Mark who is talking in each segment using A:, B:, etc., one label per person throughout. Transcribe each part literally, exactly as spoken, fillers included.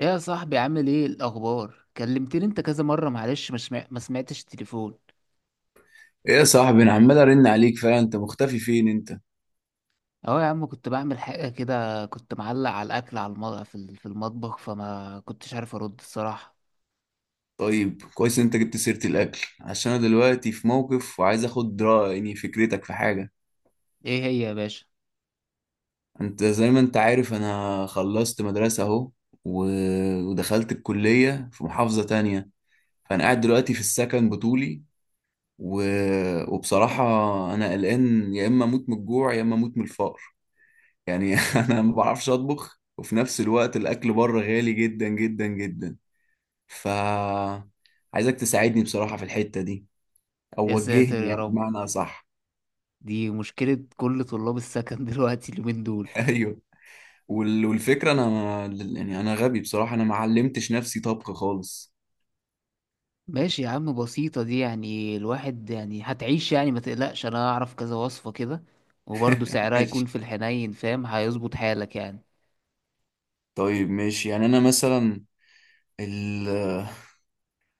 A: ايه يا صاحبي، عامل ايه الاخبار؟ كلمتني انت كذا مره معلش، مش ما سمع- ما سمعتش التليفون.
B: ايه يا صاحبي، انا عمال ارن عليك فعلا. انت مختفي فين انت؟
A: اهو يا عم، كنت بعمل حاجه كده، كنت معلق على الاكل، على المطبخ في ال- في المطبخ، فما كنتش عارف ارد الصراحه.
B: طيب كويس إن انت جبت سيرة الاكل، عشان انا دلوقتي في موقف وعايز اخد رأي. يعني فكرتك في حاجة.
A: ايه هي يا باشا؟
B: انت زي ما انت عارف انا خلصت مدرسة اهو و... ودخلت الكلية في محافظة تانية، فانا قاعد دلوقتي في السكن بطولي. و... وبصراحة انا قلقان، يا اما اموت من الجوع يا اما اموت من الفقر. يعني انا ما بعرفش اطبخ، وفي نفس الوقت الاكل بره غالي جدا جدا جدا. ف عايزك تساعدني بصراحة في الحتة دي، او
A: يا ساتر
B: وجهني
A: يا
B: يعني
A: رب،
B: بمعنى صح.
A: دي مشكله كل طلاب السكن دلوقتي اليومين دول.
B: ايوه. وال- والفكرة انا ما- يعني انا غبي بصراحة، انا ما علمتش نفسي طبخ خالص.
A: ماشي يا عم، بسيطه دي، يعني الواحد يعني هتعيش، يعني ما تقلقش، انا هعرف كذا وصفه كده. وبرضه سعرها يكون
B: ماشي.
A: في الحنين، فاهم، هيظبط حالك يعني.
B: طيب ماشي. يعني انا مثلا ال...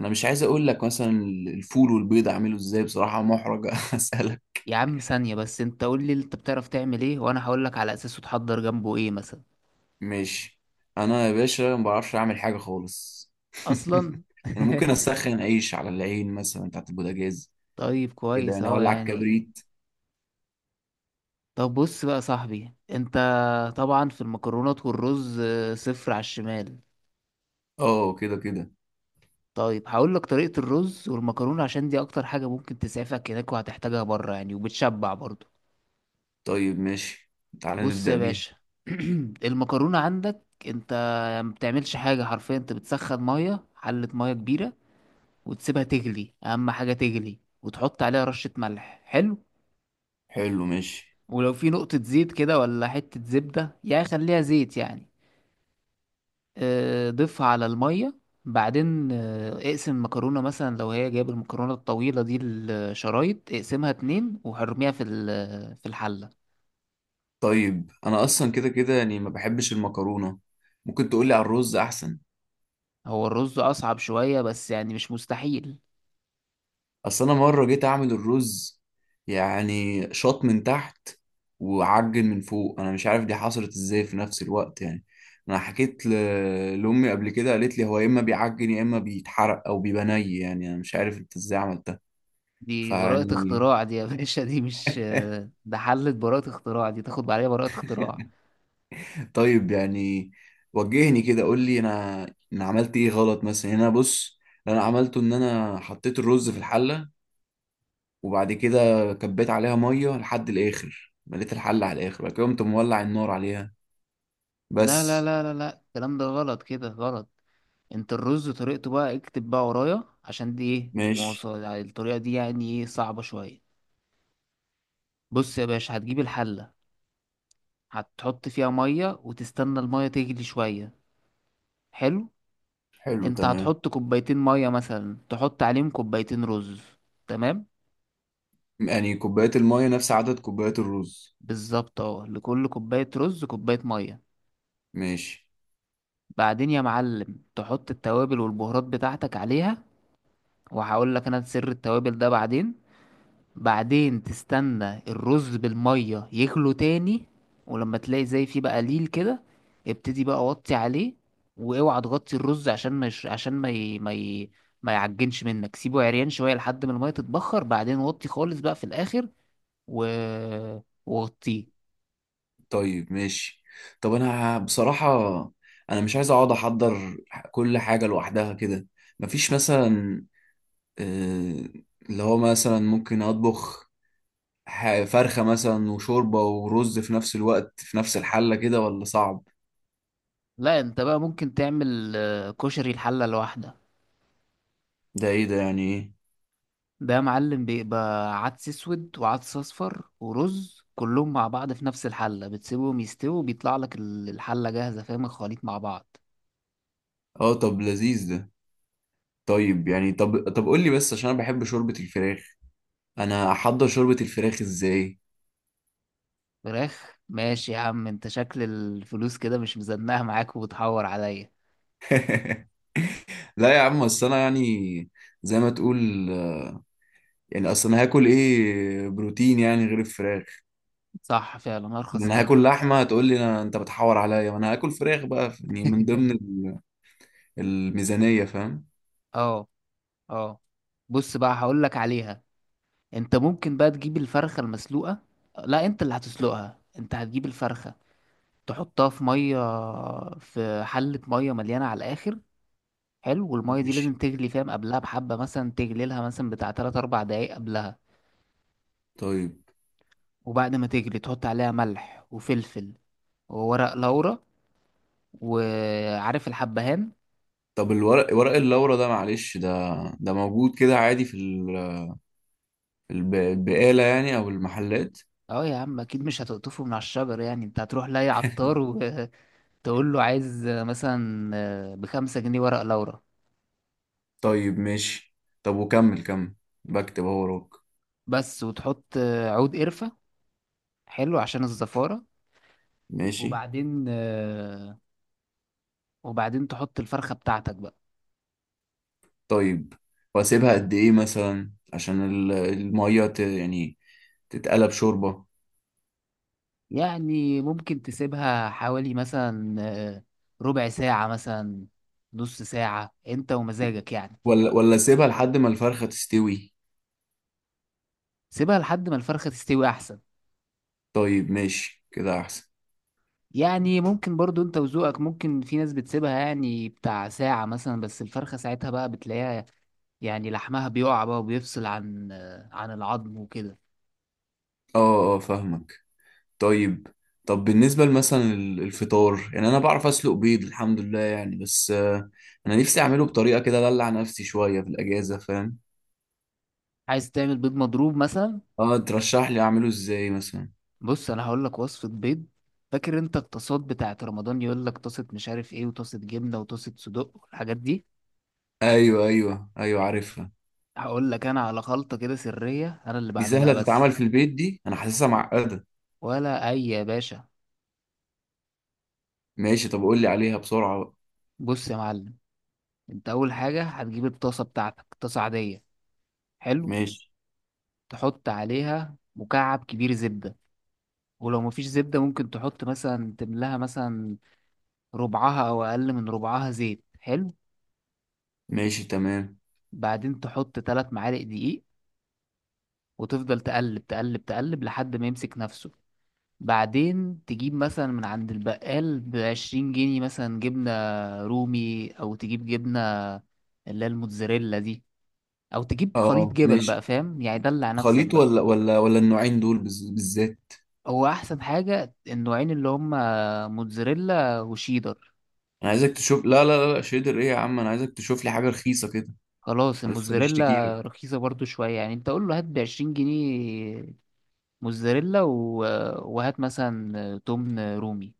B: انا مش عايز اقول لك مثلا الفول والبيض اعمله ازاي، بصراحة محرج اسألك.
A: يا عم ثانية بس، انت قول لي انت بتعرف تعمل ايه، وانا هقول لك على اساسه تحضر جنبه ايه مثلا.
B: ماشي. انا يا باشا ما بعرفش اعمل حاجة خالص.
A: اصلا
B: انا ممكن اسخن عيش على العين مثلا بتاعت البوتاجاز،
A: طيب
B: كده
A: كويس
B: انا
A: اهو
B: اولع
A: يعني.
B: الكبريت.
A: طب بص بقى يا صاحبي انت، طبعا في المكرونات والرز، آه، صفر على الشمال.
B: اه، كده كده.
A: طيب هقول لك طريقة الرز والمكرونة، عشان دي اكتر حاجة ممكن تسعفك هناك، وهتحتاجها بره يعني، وبتشبع برضه.
B: طيب ماشي، تعالى
A: بص
B: نبدأ
A: يا
B: بيها.
A: باشا. المكرونة عندك انت، ما بتعملش حاجة، حرفيا انت بتسخن مية، حلة مية كبيرة، وتسيبها تغلي، اهم حاجة تغلي، وتحط عليها رشة ملح. حلو.
B: حلو، ماشي.
A: ولو في نقطة زيت كده ولا حتة زبدة، يعني خليها زيت يعني. آه، ضيفها على المية. بعدين آه، اقسم المكرونة مثلا، لو هي جايب المكرونة الطويلة دي الشرايط، اقسمها اتنين وحرميها في ال- في الحلة.
B: طيب انا اصلا كده كده يعني ما بحبش المكرونة، ممكن تقولي على الرز احسن.
A: هو الرز أصعب شوية، بس يعني مش مستحيل.
B: اصل انا مرة جيت اعمل الرز، يعني شاط من تحت وعجن من فوق، انا مش عارف دي حصلت ازاي في نفس الوقت يعني. انا حكيت ل... لامي قبل كده، قالت لي هو يا اما بيعجن يا اما بيتحرق او بيبقى ني، يعني انا مش عارف انت ازاي عملتها.
A: دي براءة
B: فيعني
A: اختراع دي يا باشا، دي مش آه، ده حلة براءة اختراع، دي تاخد عليها براءة اختراع.
B: طيب يعني وجهني كده، قول لي انا انا عملت ايه غلط مثلا. يعني انا بص، اللي انا عملته ان انا حطيت الرز في الحله، وبعد كده كبيت عليها ميه لحد الاخر، مليت الحله على الاخر، بعد كده قمت مولع النار عليها.
A: لا لا
B: بس.
A: لا لا لا، الكلام ده غلط، كده غلط. انت الرز طريقته بقى، اكتب بقى ورايا، عشان دي ايه
B: ماشي.
A: مواصل، الطريقة دي يعني ايه صعبة شوية. بص يا باشا، هتجيب الحلة، هتحط فيها مية وتستنى المية تغلي شوية. حلو.
B: حلو
A: انت
B: تمام.
A: هتحط كوبايتين مية، مثلا تحط عليهم كوبايتين رز. تمام.
B: يعني كوبايات الميه نفس عدد كوبايات الرز؟
A: بالظبط، اه، لكل كوباية رز كوباية مية.
B: ماشي.
A: بعدين يا معلم، تحط التوابل والبهارات بتاعتك عليها، وهقول لك انا سر التوابل ده بعدين. بعدين تستنى الرز بالمية يغلو تاني، ولما تلاقي زي فيه بقى ليل كده، ابتدي بقى وطي عليه. واوعى تغطي الرز عشان ما يش... عشان ما ي... ما ي... ما يعجنش منك، سيبه عريان شوية لحد ما المية تتبخر، بعدين وطي خالص بقى في الآخر و... وغطيه.
B: طيب ماشي. طب انا بصراحه انا مش عايز اقعد احضر كل حاجه لوحدها كده. مفيش مثلا آه، اللي هو مثلا ممكن اطبخ ح- فرخة مثلا وشوربة ورز في نفس الوقت في نفس الحلة كده ولا صعب؟
A: لا، انت بقى ممكن تعمل آه، كشري الحلة لوحدك.
B: ده ايه ده؟ يعني ايه؟
A: ده يا معلم بيبقى عدس اسود وعدس اصفر ورز كلهم مع بعض في نفس الحله، بتسيبهم يستووا، بيطلع لك ال- الحله جاهزه، فاهم، الخليط مع بعض.
B: اه، طب لذيذ ده. طيب يعني، طب طب قول لي بس، عشان انا بحب شوربة الفراخ، انا احضر شوربة الفراخ ازاي؟
A: فراخ؟ ماشي يا عم، انت شكل الفلوس كده مش مزنقه معاك وبتحور عليا.
B: لا يا عم، اصل انا يعني زي ما تقول، يعني اصل انا هاكل ايه بروتين يعني غير الفراخ؟
A: صح، فعلا
B: يعني
A: ارخص
B: انا
A: حاجه.
B: هاكل لحمة؟ هتقول لي أنا- انت بتحور عليا؟ ما انا هاكل فراخ بقى، يعني من ضمن ال- الميزانية، فاهم.
A: اه، اه، بص بقى هقول لك عليها. انت ممكن بقى تجيب الفرخه المسلوقه. لا، انت اللي هتسلقها، انت هتجيب الفرخه، تحطها في ميه، في حله ميه مليانه على الاخر. حلو، والمية دي لازم
B: ماشي.
A: تغلي، فاهم، قبلها بحبة مثلا، تغلي لها مثلا بتاع تلات أربع دقايق قبلها.
B: طيب.
A: وبعد ما تغلي تحط عليها ملح وفلفل، وورق لورا، وعارف الحبهان.
B: طب الورق، ورق اللورا ده، معلش، ده ده موجود كده عادي في ال- في الب- البقالة يعني أو المحلات؟
A: اه يا عم، اكيد مش هتقطفه من على الشجر يعني، انت هتروح لاي عطار وتقول له عايز مثلا بخمسة جنيه ورق لورا
B: طيب ماشي. طب وكمل كمل، بكتب اهو وراك.
A: بس. وتحط عود قرفة، حلو، عشان الزفارة.
B: ماشي.
A: وبعدين وبعدين تحط الفرخة بتاعتك بقى.
B: طيب، وأسيبها قد إيه مثلا عشان ال- المية ت- يعني تتقلب شوربة؟
A: يعني ممكن تسيبها حوالي مثلا، آه، ربع ساعة مثلا، نص ساعة انت ومزاجك يعني.
B: ولا ولا أسيبها لحد ما الفرخة تستوي؟
A: سيبها لحد ما الفرخة تستوي احسن.
B: طيب ماشي كده أحسن.
A: يعني ممكن برضو انت وذوقك، ممكن في ناس بتسيبها يعني بتاع ساعة مثلا، بس الفرخة ساعتها بقى بتلاقيها، يعني لحمها بيقع بقى وبيفصل عن آه، عن العظم وكده.
B: اه اه فاهمك. طيب، طب بالنسبة مثلا الفطار، يعني أنا بعرف أسلق بيض الحمد لله يعني، بس آه، أنا نفسي أعمله بطريقة كده أدلع نفسي شوية في الأجازة، فاهم.
A: عايز تعمل بيض مضروب مثلا؟
B: أه، ترشح لي أعمله إزاي مثلا؟
A: بص، انا هقول لك وصفة بيض. فاكر انت الطاسات بتاعت رمضان؟ يقول لك طاسة مش عارف ايه، وطاسة جبنة، وطاسة صدق، والحاجات دي.
B: أيوه أيوه أيوه عارفها.
A: هقول لك انا على خلطة كده سرية، انا اللي
B: دي
A: بعملها
B: سهلة تتعمل
A: بس.
B: في البيت؟ دي أنا حاسسها معقدة.
A: ولا اي يا باشا.
B: ماشي، طب قول لي عليها بسرعة بقى.
A: بص يا معلم، انت اول حاجة هتجيب الطاسة بتاعتك، طاسة عادية. حلو.
B: ماشي.
A: تحط عليها مكعب كبير زبدة، ولو مفيش زبدة ممكن تحط مثلا، تملاها مثلا ربعها او اقل من ربعها زيت. حلو.
B: ماشي تمام.
A: بعدين تحط تلات معالق دقيق، وتفضل تقلب تقلب تقلب لحد ما يمسك نفسه. بعدين تجيب مثلا من عند البقال بعشرين جنيه مثلا جبنة رومي، أو تجيب جبنة اللي هي الموتزاريلا دي، أو تجيب خليط
B: أه
A: جبن بقى،
B: ماشي.
A: فاهم، يعني دلع نفسك
B: خليط
A: بقى.
B: ولا ولا ولا النوعين دول بز- بالذات؟
A: هو أحسن حاجة النوعين، اللي هما موتزاريلا وشيدر.
B: أنا عايزك تشوف، لا لا لا لا، شيدر إيه يا عم، أنا عايزك تشوف لي حاجة رخيصة كده.
A: خلاص،
B: أنا لسه بشتكي
A: الموتزاريلا
B: لك.
A: رخيصة برضو شوية يعني، أنت قول له هات بعشرين جنيه موتزاريلا و... وهات مثلا تمن رومي.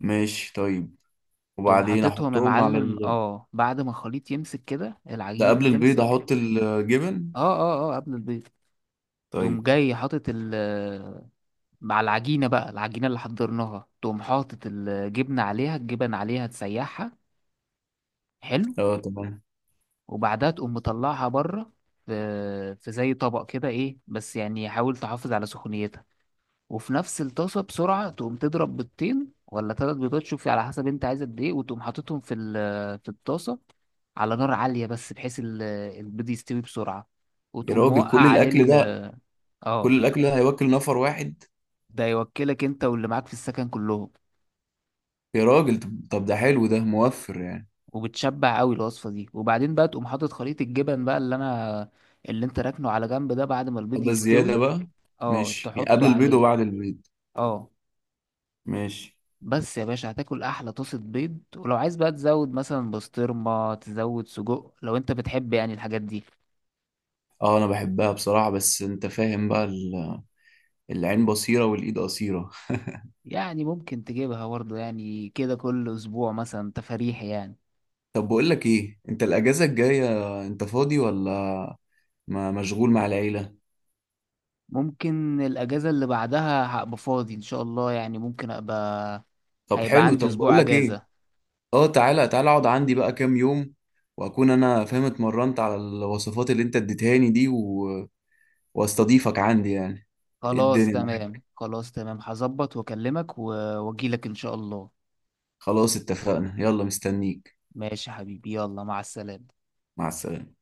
B: ماشي طيب.
A: تقوم
B: وبعدين
A: حاططهم يا
B: احطهم على
A: معلم،
B: ال...
A: اه، بعد ما الخليط يمسك كده،
B: ده
A: العجينة دي
B: قبل البيض
A: تمسك.
B: احط الجبن؟
A: اه، اه، اه، قبل البيض. تقوم
B: طيب.
A: جاي حاطط ال مع العجينة بقى، العجينة اللي حضرناها، تقوم حاطط الجبنة عليها الجبن عليها، تسيحها. حلو.
B: اه تمام.
A: وبعدها تقوم مطلعها بره، في في زي طبق كده، ايه بس يعني حاول تحافظ على سخونيتها. وفي نفس الطاسة بسرعة، تقوم تضرب بيضتين ولا تلات بيضات، شوفي على حسب انت عايز قد ايه، وتقوم حاططهم في ال- في الطاسة، على نار عالية، بس بحيث ال- البيض يستوي بسرعة،
B: يا
A: وتقوم
B: راجل
A: موقع
B: كل
A: عليه
B: الاكل ده،
A: ال-
B: كل
A: اه.
B: الاكل ده هيوكل نفر واحد؟
A: ده يوكلك انت واللي معاك في السكن كلهم.
B: يا راجل، طب طب ده حلو، ده موفر يعني.
A: وبتشبع قوي الوصفه دي، وبعدين بقى تقوم حاطط خليط الجبن بقى، اللي انا اللي انت راكنه على جنب ده، بعد ما البيض
B: طب ده زيادة
A: يستوي.
B: بقى؟
A: اه،
B: ماشي، يعني قبل
A: تحطه
B: البيض
A: عليه.
B: وبعد البيض.
A: اه.
B: ماشي.
A: بس يا باشا هتاكل احلى طاسه بيض، ولو عايز بقى تزود مثلا بسطرمه، تزود سجق لو انت بتحب يعني الحاجات دي.
B: اه انا بحبها بصراحة، بس انت فاهم بقى ال- العين بصيرة والايد قصيرة.
A: يعني ممكن تجيبها برضه يعني، كده كل اسبوع مثلا تفاريح يعني.
B: طب بقول لك ايه، انت الاجازة الجاية انت فاضي ولا ما مشغول مع العيلة؟
A: ممكن الاجازه اللي بعدها هبقى فاضي ان شاء الله، يعني ممكن ابقى،
B: طب
A: هيبقى
B: حلو،
A: عندي
B: طب بقول
A: اسبوع
B: لك ايه،
A: اجازه.
B: اه تعالى تعالى اقعد عندي بقى كام يوم، واكون انا فاهم اتمرنت على الوصفات اللي انت اديتهاني دي و... واستضيفك عندي يعني. إيه
A: خلاص
B: الدنيا معاك.
A: تمام، خلاص تمام، هظبط واكلمك و- واجيلك ان شاء الله.
B: خلاص اتفقنا، يلا مستنيك.
A: ماشي يا حبيبي، يلا، مع السلامة.
B: مع السلامة.